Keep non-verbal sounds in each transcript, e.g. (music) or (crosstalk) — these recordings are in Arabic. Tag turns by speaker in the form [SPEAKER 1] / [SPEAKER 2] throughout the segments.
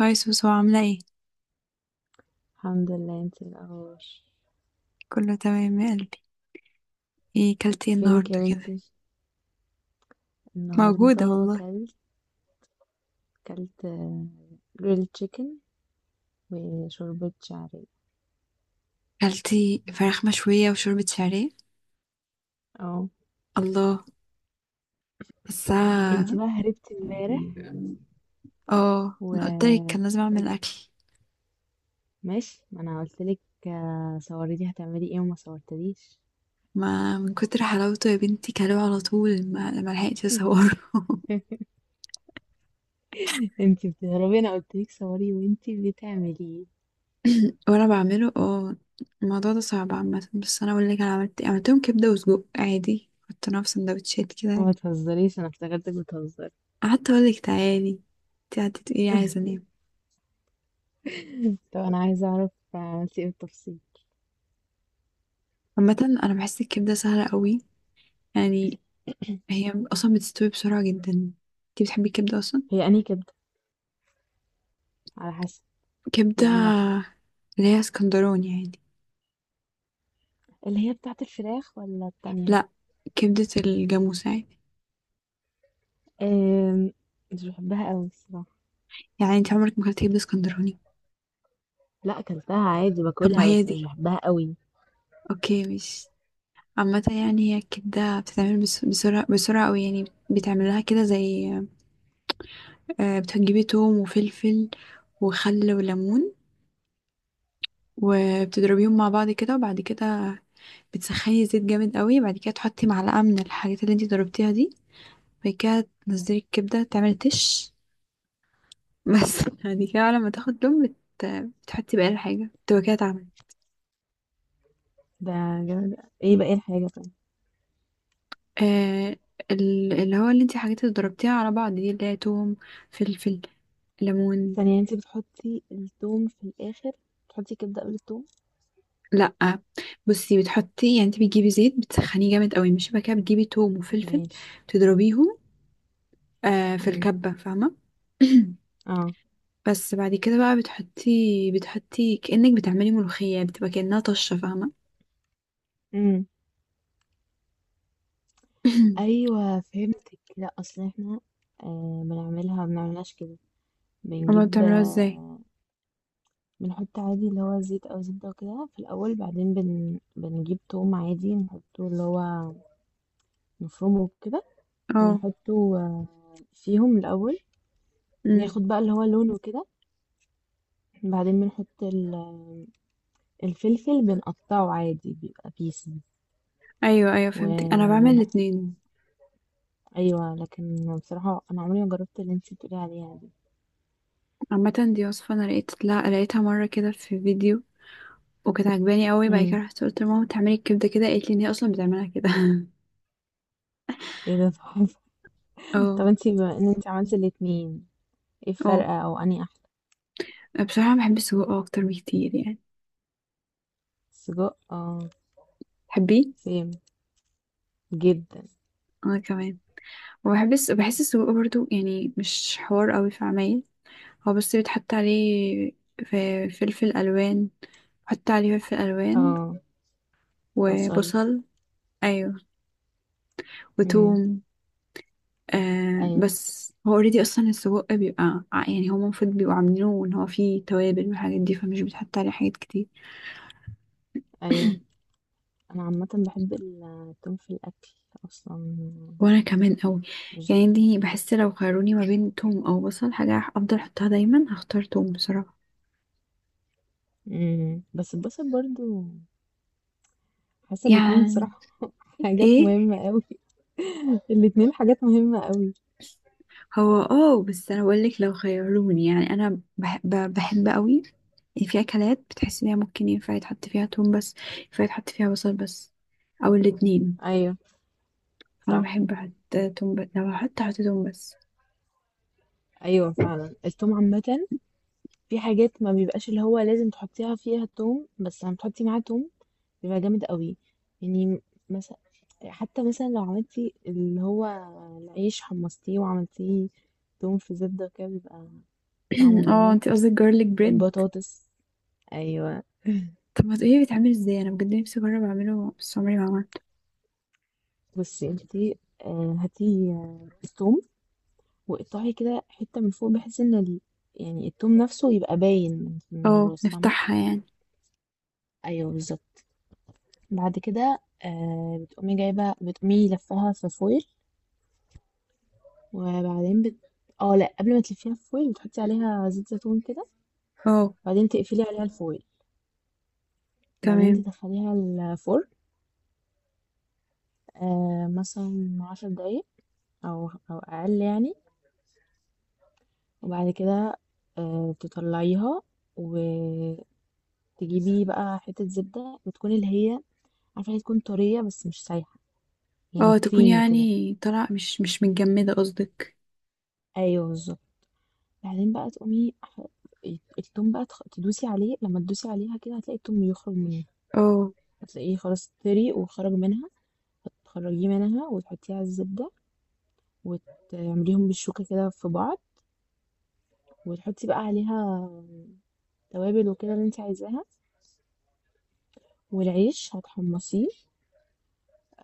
[SPEAKER 1] هاي سوسو، عاملة ايه؟
[SPEAKER 2] الحمد لله، انت ايه الاخبار؟
[SPEAKER 1] كله تمام يا قلبي. ايه كلتي ايه
[SPEAKER 2] فينك
[SPEAKER 1] النهاردة
[SPEAKER 2] يا
[SPEAKER 1] كده؟
[SPEAKER 2] بنتي؟
[SPEAKER 1] موجودة
[SPEAKER 2] النهارده
[SPEAKER 1] والله.
[SPEAKER 2] كلت جريل تشيكن وشوربة شعرية.
[SPEAKER 1] كلتي فراخ مشوية وشوربة شعرية.
[SPEAKER 2] اه.
[SPEAKER 1] الله،
[SPEAKER 2] انت
[SPEAKER 1] حاساها.
[SPEAKER 2] بقى هربتي امبارح
[SPEAKER 1] اه، انا قلتلك كان لازم اعمل
[SPEAKER 2] وقلت
[SPEAKER 1] اكل.
[SPEAKER 2] ماشي، ما انا قلت لك صوري لي هتعملي ايه وما صورتليش.
[SPEAKER 1] ما من كتر حلاوته يا بنتي كلوه على طول ما لحقتش اصوره.
[SPEAKER 2] (laughs) انت بتهربي، انا قلت لك صوري وانت بتعملي ايه؟
[SPEAKER 1] (laughs) وانا بعمله اه. الموضوع ده صعب عامة، بس انا اقول لك انا عملت إيه. عملتهم كبدة وسجق عادي، حطيناها في سندوتشات كده.
[SPEAKER 2] ما تهزريش، انا افتكرتك بتهزري.
[SPEAKER 1] قعدت اقول لك تعالي، انتي قعدتي تقولي عايزة انام.
[SPEAKER 2] (laughs) طب انا عايزه اعرف عملتي ايه بالتفصيل.
[SPEAKER 1] عامة انا بحس الكبدة سهلة قوي، يعني. هي اصلا بتستوي بسرعه جدا. انتي بتحبي الكبده اصلا؟
[SPEAKER 2] هي انهي كبده؟ على حسب،
[SPEAKER 1] كبده
[SPEAKER 2] يعني واحده.
[SPEAKER 1] اللي هي اسكندراني عادي.
[SPEAKER 2] اللي هي بتاعت الفراخ ولا التانية؟
[SPEAKER 1] لا، كبده الجاموس عادي.
[SPEAKER 2] أم، مش بحبها قوي الصراحة.
[SPEAKER 1] يعني انت عمرك ما اكلتي كبده اسكندراني؟
[SPEAKER 2] لا، اكلتها عادي
[SPEAKER 1] طب ما
[SPEAKER 2] باكلها
[SPEAKER 1] هي
[SPEAKER 2] بس مش
[SPEAKER 1] دي.
[SPEAKER 2] بحبها قوي.
[SPEAKER 1] اوكي، مش. عامه، يعني هي الكبده بتتعمل بسرعه بسرعه قوي. يعني بتعمل لها كده زي، بتجيبي توم وفلفل، وخل وليمون، وبتضربيهم مع بعض كده. وبعد كده بتسخني زيت جامد قوي، بعد كده تحطي معلقه من الحاجات اللي انتي ضربتيها دي. بعد كده تنزلي الكبدة، تعملي تش بس. (laughs) بعد كده لما تاخد لون بتحطي بقى الحاجة، تبقى كده اتعملت.
[SPEAKER 2] ده جامد. ايه بقى الحاجة طيب؟
[SPEAKER 1] آه اللي هو اللي انتي حاجات اللي ضربتيها على بعض دي، اللي هي توم، فلفل، ليمون.
[SPEAKER 2] ثانية، انتي بتحطي التوم في الآخر؟ بتحطي كبدة قبل التوم؟
[SPEAKER 1] لأ، بصي، بتحطي يعني، انتي بتجيبي زيت بتسخنيه جامد قوي، مش بقى كده بتجيبي توم وفلفل،
[SPEAKER 2] ماشي.
[SPEAKER 1] تضربيهم. في
[SPEAKER 2] امم.
[SPEAKER 1] الكبة، فاهمة. (coughs) (clears throat)
[SPEAKER 2] اه.
[SPEAKER 1] بس بعد كده بقى بتحطي كأنك بتعملي ملوخية، بتبقى كأنها طشة، فاهمة.
[SPEAKER 2] امم.
[SPEAKER 1] (coughs)
[SPEAKER 2] ايوه، فهمتك. لا، اصل احنا بنعملها ما بنعملهاش كده.
[SPEAKER 1] (clears throat) هما
[SPEAKER 2] بنجيب
[SPEAKER 1] بتعملوها ازاي.
[SPEAKER 2] آه بنحط عادي اللي هو زيت او زبده وكده في الاول، بعدين بنجيب توم عادي نحطه اللي هو مفروم وكده.
[SPEAKER 1] اه،
[SPEAKER 2] ونحطه فيهم الأول.
[SPEAKER 1] امم،
[SPEAKER 2] ياخد بقى اللي هو لونه كده. بعدين بنحط الفلفل، بنقطعه عادي بيبقى بيسز
[SPEAKER 1] ايوه ايوه فهمتك، انا بعمل
[SPEAKER 2] وبن
[SPEAKER 1] الاتنين.
[SPEAKER 2] أيوة، لكن بصراحة أنا عمري ما جربت اللي انتي بتقولي عليها دي.
[SPEAKER 1] عامه دي وصفه انا لقيت لا لقيتها مره كده في فيديو، وكانت عجباني قوي. بعد كده
[SPEAKER 2] امم.
[SPEAKER 1] رحت قلت لماما بتعملي الكبده كده، قالت لي ان هي اصلا بتعملها كده.
[SPEAKER 2] ايه ده تحفة!
[SPEAKER 1] (laughs)
[SPEAKER 2] (laughs)
[SPEAKER 1] اه.
[SPEAKER 2] طب انتي بما ان انتي عملتي الاتنين، ايه
[SPEAKER 1] اه،
[SPEAKER 2] الفرق أو أنهي أحلى؟
[SPEAKER 1] بصراحه بحب السجق اكتر بكتير، يعني.
[SPEAKER 2] سجق، اه.
[SPEAKER 1] تحبيه؟
[SPEAKER 2] سيم جدا.
[SPEAKER 1] انا كمان. بحس السجق برضو، يعني مش حوار قوي في عمايل. هو بس بيتحط عليه في فلفل الوان، حط عليه فلفل الوان
[SPEAKER 2] اه. بصل.
[SPEAKER 1] وبصل. ايوه،
[SPEAKER 2] امم.
[SPEAKER 1] وتوم.
[SPEAKER 2] أيوة،
[SPEAKER 1] بس هو اوريدي اصلا السجق بيبقى يعني هو المفروض بيبقوا عاملينه ان هو فيه توابل والحاجات دي، فمش بيتحط عليه حاجات كتير.
[SPEAKER 2] أيوة.
[SPEAKER 1] (coughs)
[SPEAKER 2] أنا عامة بحب التوم في الأكل أصلا.
[SPEAKER 1] (clears throat) وانا كمان قوي، يعني. دي بحس لو خيروني ما بين توم او بصل حاجه افضل احطها دايما هختار توم بصراحه،
[SPEAKER 2] امم. بس البصل برضو، حاسه الاتنين
[SPEAKER 1] يعني.
[SPEAKER 2] بصراحه. (laughs) حاجات
[SPEAKER 1] ايه،
[SPEAKER 2] مهمه قوي. الاتنين حاجات مهمه قوي.
[SPEAKER 1] هو اه بس انا بقول لك لو خيروني، يعني انا بحب قوي. في اكلات بتحس ان هي ممكن ينفع يتحط فيها توم بس، ينفع يتحط فيها بصل بس، او الاتنين.
[SPEAKER 2] ايوه.
[SPEAKER 1] انا
[SPEAKER 2] صح.
[SPEAKER 1] بحب احط توم بس، لو هحط توم بس.
[SPEAKER 2] ايوه،
[SPEAKER 1] (clears throat)
[SPEAKER 2] فعلا التوم عامه، في حاجات ما بيبقاش اللي هو لازم تحطيها فيها التوم، بس لما تحطي معاه توم بيبقى جامد قوي، يعني مثلا، حتى مثلا لو عملتي اللي هو العيش حمصتيه وعملتيه توم في زبده كده، بيبقى طعمه
[SPEAKER 1] اه،
[SPEAKER 2] جامد.
[SPEAKER 1] انت قصدك جارليك بريد.
[SPEAKER 2] البطاطس. ايوه.
[SPEAKER 1] طب ما تقولي بيتعمل ازاي، انا بجد نفسي اجرب اعمله بس عمري ما عملته.
[SPEAKER 2] بصي انتي، هاتي التوم، واقطعي كده حتة من فوق، يعني التوم نفسه يبقى باين من
[SPEAKER 1] اه،
[SPEAKER 2] الراس فاهمة؟
[SPEAKER 1] نفتحها يعني.
[SPEAKER 2] ايوه، بالظبط. بعد كده، بتقومي لفاها في فويل. وبعدين بت... اه لا، قبل ما تلفيها في فويل بتحطي عليها زيت زيتون كده.
[SPEAKER 1] اه.
[SPEAKER 2] بعدين تقفلي عليها الفويل، بعدين
[SPEAKER 1] تمام.
[SPEAKER 2] تدخليها الفرن، مثلا 10 دقايق، او اقل يعني. وبعد كده، تطلعيها، وتجيبي بقى حتة زبدة بتكون اللي هي، عارفة، هي تكون طرية بس مش سايحة، يعني
[SPEAKER 1] اه، تكون
[SPEAKER 2] كريمي كده.
[SPEAKER 1] يعني طلع مش متجمدة قصدك.
[SPEAKER 2] ايوه، بالظبط. بعدين بقى التوم بقى تدوسي عليه، لما تدوسي عليها كده هتلاقي التوم يخرج منه.
[SPEAKER 1] اه.
[SPEAKER 2] هتلاقيه خلاص طري وخرج منها، هتخرجيه منها وتحطيه على الزبدة، وتعمليهم بالشوكة كده في بعض، وتحطي بقى عليها توابل وكده اللي انت عايزاها. والعيش هتحمصيه،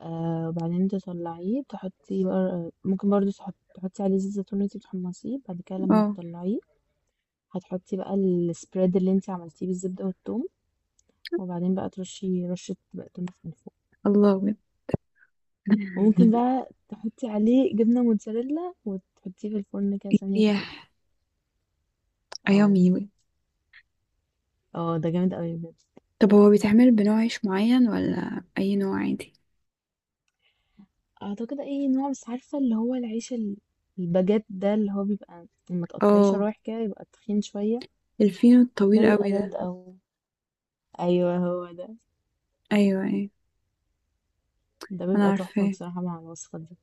[SPEAKER 2] وبعدين تطلعيه، تحطي بقى، ممكن برضو تحطي عليه زيت زيتون، اللي انت بتحمصيه بعد كده لما
[SPEAKER 1] اه.
[SPEAKER 2] تطلعيه. هتحطي بقى السبريد اللي انت عملتيه بالزبدة والثوم، وبعدين بقى ترشي رشة بقدونس من فوق.
[SPEAKER 1] الله بجد.
[SPEAKER 2] وممكن
[SPEAKER 1] (laughs)
[SPEAKER 2] بقى تحطي عليه جبنة موتزاريلا وتحطيه في الفرن كده ثانية تسيح.
[SPEAKER 1] يح،
[SPEAKER 2] اه.
[SPEAKER 1] ايامي.
[SPEAKER 2] اه، ده جامد قوي بجد.
[SPEAKER 1] طب هو بيتعمل بنوع عيش معين ولا اي نوع عادي؟
[SPEAKER 2] اعتقد اي نوع، بس عارفة اللي هو العيش الباجيت ده، اللي هو بيبقى لما تقطعيه
[SPEAKER 1] اه،
[SPEAKER 2] شرايح كده يبقى تخين شوية.
[SPEAKER 1] الفينو
[SPEAKER 2] ده
[SPEAKER 1] الطويل
[SPEAKER 2] بيبقى
[SPEAKER 1] قوي
[SPEAKER 2] جامد
[SPEAKER 1] ده.
[SPEAKER 2] قوي. ايوه، هو ده.
[SPEAKER 1] ايوه ايوه،
[SPEAKER 2] ده
[SPEAKER 1] انا
[SPEAKER 2] بيبقى تحفة
[SPEAKER 1] عارفاه.
[SPEAKER 2] بصراحة مع الوصفة دي.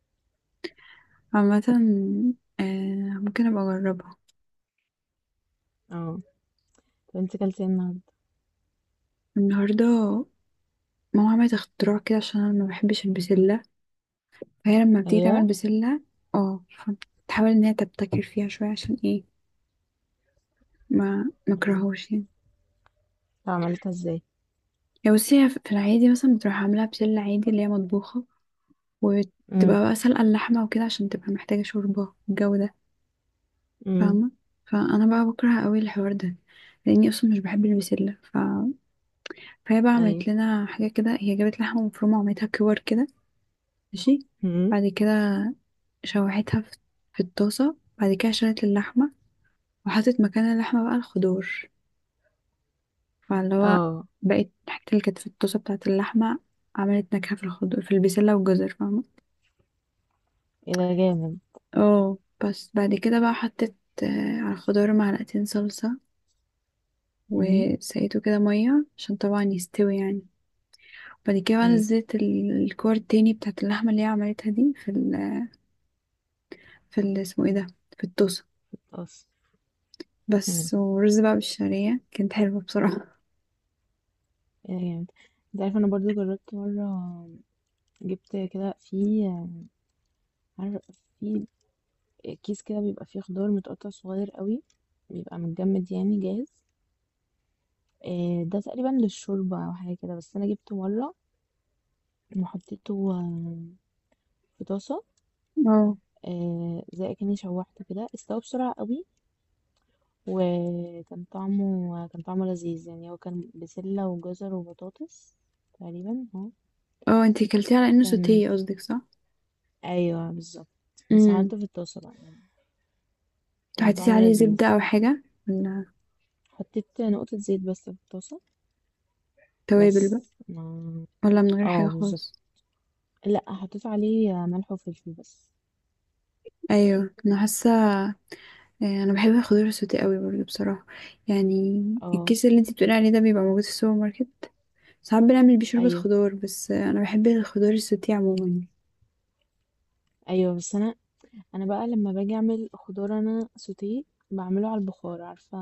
[SPEAKER 1] عامة، آه ممكن ابقى اجربها.
[SPEAKER 2] اه. طب انت كلتي إيه النهاردة؟
[SPEAKER 1] النهاردة ماما عملت اختراع كده عشان انا ما بحبش البسلة، فهي لما بتيجي تعمل
[SPEAKER 2] ايوه.
[SPEAKER 1] بسلة اه تحاول ان هي تبتكر فيها شوية. عشان ايه؟ ما
[SPEAKER 2] مم.
[SPEAKER 1] مكرهوش يعني.
[SPEAKER 2] طب عملتها ازاي؟
[SPEAKER 1] يا بصي، هي في العادي مثلا بتروح عاملة بسلة عادي اللي هي مطبوخة،
[SPEAKER 2] امم.
[SPEAKER 1] وتبقى بقى سلقة اللحمة وكده عشان تبقى محتاجة شوربة والجو ده،
[SPEAKER 2] امم.
[SPEAKER 1] فاهمة. فانا بقى بكره قوي الحوار ده، لاني اصلا مش بحب البسلة فهي بقى
[SPEAKER 2] ايوه.
[SPEAKER 1] عملت لنا حاجة كده، هي جابت لحمة مفرومة وعملتها كور كده. ماشي.
[SPEAKER 2] امم.
[SPEAKER 1] بعد كده شوحتها في الطاسة، بعد كده شالت اللحمة وحطت مكان اللحمة بقى الخضار. فاللي هو
[SPEAKER 2] اه.
[SPEAKER 1] بقت الحتة اللي كانت في الطاسة بتاعة اللحمة عملت نكهة في الخضار، في البسلة والجزر، فاهمة.
[SPEAKER 2] ايه ده جامد!
[SPEAKER 1] اه، بس بعد كده بقى حطيت على الخضار معلقتين صلصة،
[SPEAKER 2] امم.
[SPEAKER 1] وسقيته كده مية عشان طبعا يستوي، يعني. بعد كده بقى
[SPEAKER 2] ايوه،
[SPEAKER 1] نزلت الكور التاني بتاعة اللحمة اللي هي عملتها دي في ال اسمه ايه ده، في الطاسة.
[SPEAKER 2] خلاص. امم.
[SPEAKER 1] بس ورز بقى بالشعرية كانت حلوة بصراحة.
[SPEAKER 2] يا جامد. انت عارف انا برضو جربت مرة، جبت كده في، عارف، في كيس كده بيبقى فيه خضار متقطع صغير قوي، بيبقى متجمد يعني جاهز. ده تقريبا للشوربة او حاجة كده، بس انا جبته مرة، وحطيته في طاسة.
[SPEAKER 1] اه.
[SPEAKER 2] زي كأني شوحته كده، استوى بسرعة قوي، وكان طعمه كان طعمه لذيذ، يعني هو كان بسلة وجزر وبطاطس تقريبا. اه.
[SPEAKER 1] اه، انتي كلتيه على انه
[SPEAKER 2] كان
[SPEAKER 1] سوتيه قصدك، صح.
[SPEAKER 2] ايوه، بالظبط. بس عملته
[SPEAKER 1] امم.
[SPEAKER 2] في الطاسه بقى يعني، كان
[SPEAKER 1] حطيتي
[SPEAKER 2] طعمه
[SPEAKER 1] عليه
[SPEAKER 2] لذيذ.
[SPEAKER 1] زبدة او حاجة، ولا
[SPEAKER 2] حطيت نقطه زيت بس في الطاسه
[SPEAKER 1] توابل
[SPEAKER 2] بس
[SPEAKER 1] بقى،
[SPEAKER 2] ما
[SPEAKER 1] ولا من غير حاجة
[SPEAKER 2] اه، بالظبط.
[SPEAKER 1] خالص؟
[SPEAKER 2] لا، حطيت عليه ملح وفلفل بس.
[SPEAKER 1] ايوه، انا حاسة. إيه، انا بحب الخضار السوتيه قوي برضه بصراحة، يعني.
[SPEAKER 2] اه.
[SPEAKER 1] الكيس اللي انتي بتقولي عليه ده بيبقى موجود في السوبر ماركت، ساعات بنعمل بيه شوربة
[SPEAKER 2] ايوه،
[SPEAKER 1] خضار بس. انا بحب الخضار السوتيه عموما.
[SPEAKER 2] ايوه. بس انا بقى، لما باجي اعمل خضار انا سوتيه، بعمله على البخار. عارفه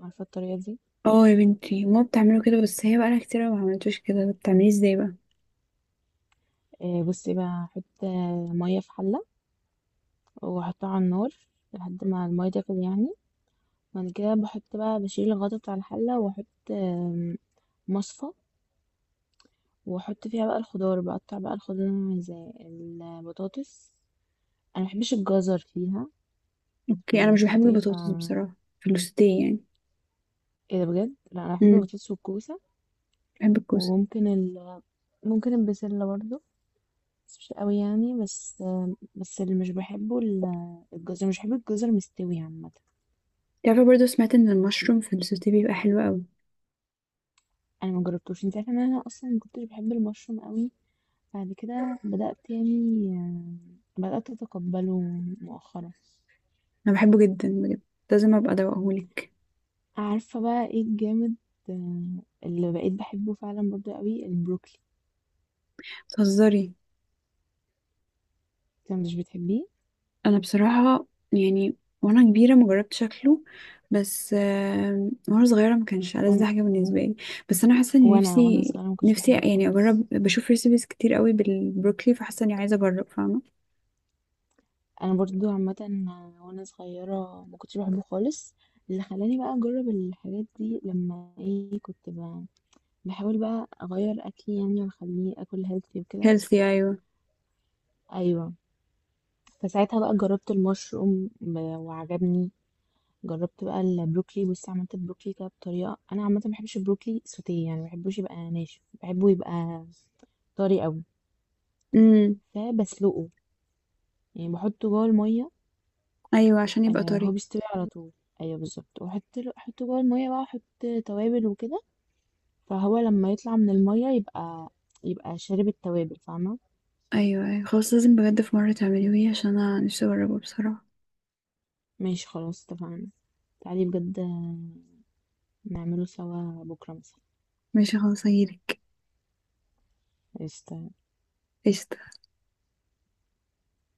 [SPEAKER 2] عارفه الطريقه دي؟
[SPEAKER 1] اه يا بنتي، ماما بتعمله كده بس هي بقالها كتير أوي ما عملتوش كده، بتعمليه ازاي بقى؟
[SPEAKER 2] بصي بقى احط ميه في حله، واحطها على النار لحد ما الميه تغلي يعني. بعد كده بحط بقى بشيل الغطا بتاع الحله، واحط آم، مصفى، واحط فيها بقى الخضار، بقطع بقى الخضار زي البطاطس. انا مبحبش الجزر فيها. في
[SPEAKER 1] اوكي، انا مش بحب
[SPEAKER 2] الفطير ف
[SPEAKER 1] البطاطس بصراحة في السوتيه، يعني.
[SPEAKER 2] ايه ده بجد؟ لا، انا بحب
[SPEAKER 1] امم.
[SPEAKER 2] البطاطس والكوسه.
[SPEAKER 1] بحب الكوسة.
[SPEAKER 2] وممكن ال... ممكن البسله برضه، بس مش قوي يعني، بس بس اللي مش بحبه الجزر، مش بحب الجزر مستوي عامه.
[SPEAKER 1] تعرفي برضو سمعت ان المشروم في السوتيه بيبقى حلو قوي.
[SPEAKER 2] انا ما جربتوش. انت عارفه ان انا اصلا ما كنتش بحب المشروم قوي، بعد كده بدات اتقبله مؤخرا.
[SPEAKER 1] انا بحبه جدا بجد، لازم ابقى ادوقهولك.
[SPEAKER 2] عارفة بقى ايه الجامد؟ آه، اللي بقيت بحبه فعلا برضه قوي البروكلي.
[SPEAKER 1] بتهزري.
[SPEAKER 2] انت مش بتحبيه؟
[SPEAKER 1] انا بصراحه، يعني وانا كبيره ما جربت شكله، بس وانا صغيره ما كانش ألذ
[SPEAKER 2] وانا
[SPEAKER 1] حاجه بالنسبه لي. بس انا حاسه ان
[SPEAKER 2] وانا وأنا
[SPEAKER 1] نفسي،
[SPEAKER 2] صغيرة ما كنتش
[SPEAKER 1] نفسي
[SPEAKER 2] بحبه
[SPEAKER 1] يعني
[SPEAKER 2] خالص.
[SPEAKER 1] اجرب. بشوف ريسيبيز كتير قوي بالبروكلي فحاسه اني عايزه اجرب، فاهمه.
[SPEAKER 2] انا برضه عامة، وانا صغيرة ما كنتش بحبه خالص. اللي خلاني بقى اجرب الحاجات دي لما، ايه، كنت بقى بحاول بقى اغير اكلي يعني، واخليه اكل هيلثي وكده.
[SPEAKER 1] هيلثي، ايوه.
[SPEAKER 2] ايوه. فساعتها بقى جربت المشروم وعجبني. جربت بقى البروكلي. بص، عملت البروكلي كده بطريقه. انا عامه ما بحبش البروكلي سوتيه يعني، ما بحبوش يبقى ناشف، بحبه يبقى طري قوي.
[SPEAKER 1] امم.
[SPEAKER 2] فبسلقه، يعني بحطه جوه الميه.
[SPEAKER 1] ايوه عشان يبقى
[SPEAKER 2] آه، هو
[SPEAKER 1] طري.
[SPEAKER 2] بيستوي على طول. ايوه، بالظبط. واحط له احطه جوه الميه بقى، احط توابل وكده. فهو لما يطلع من الميه يبقى شارب التوابل فاهمه؟
[SPEAKER 1] ايوه ايوه خلاص، لازم بجد في مره تعمليه عشان انا نفسي اجربه بصراحه.
[SPEAKER 2] ماشي، خلاص اتفقنا. تعالي بجد، نعمله سوا بكره مثلا.
[SPEAKER 1] ماشي خلاص هجيلك.
[SPEAKER 2] قشطة.
[SPEAKER 1] قشطة.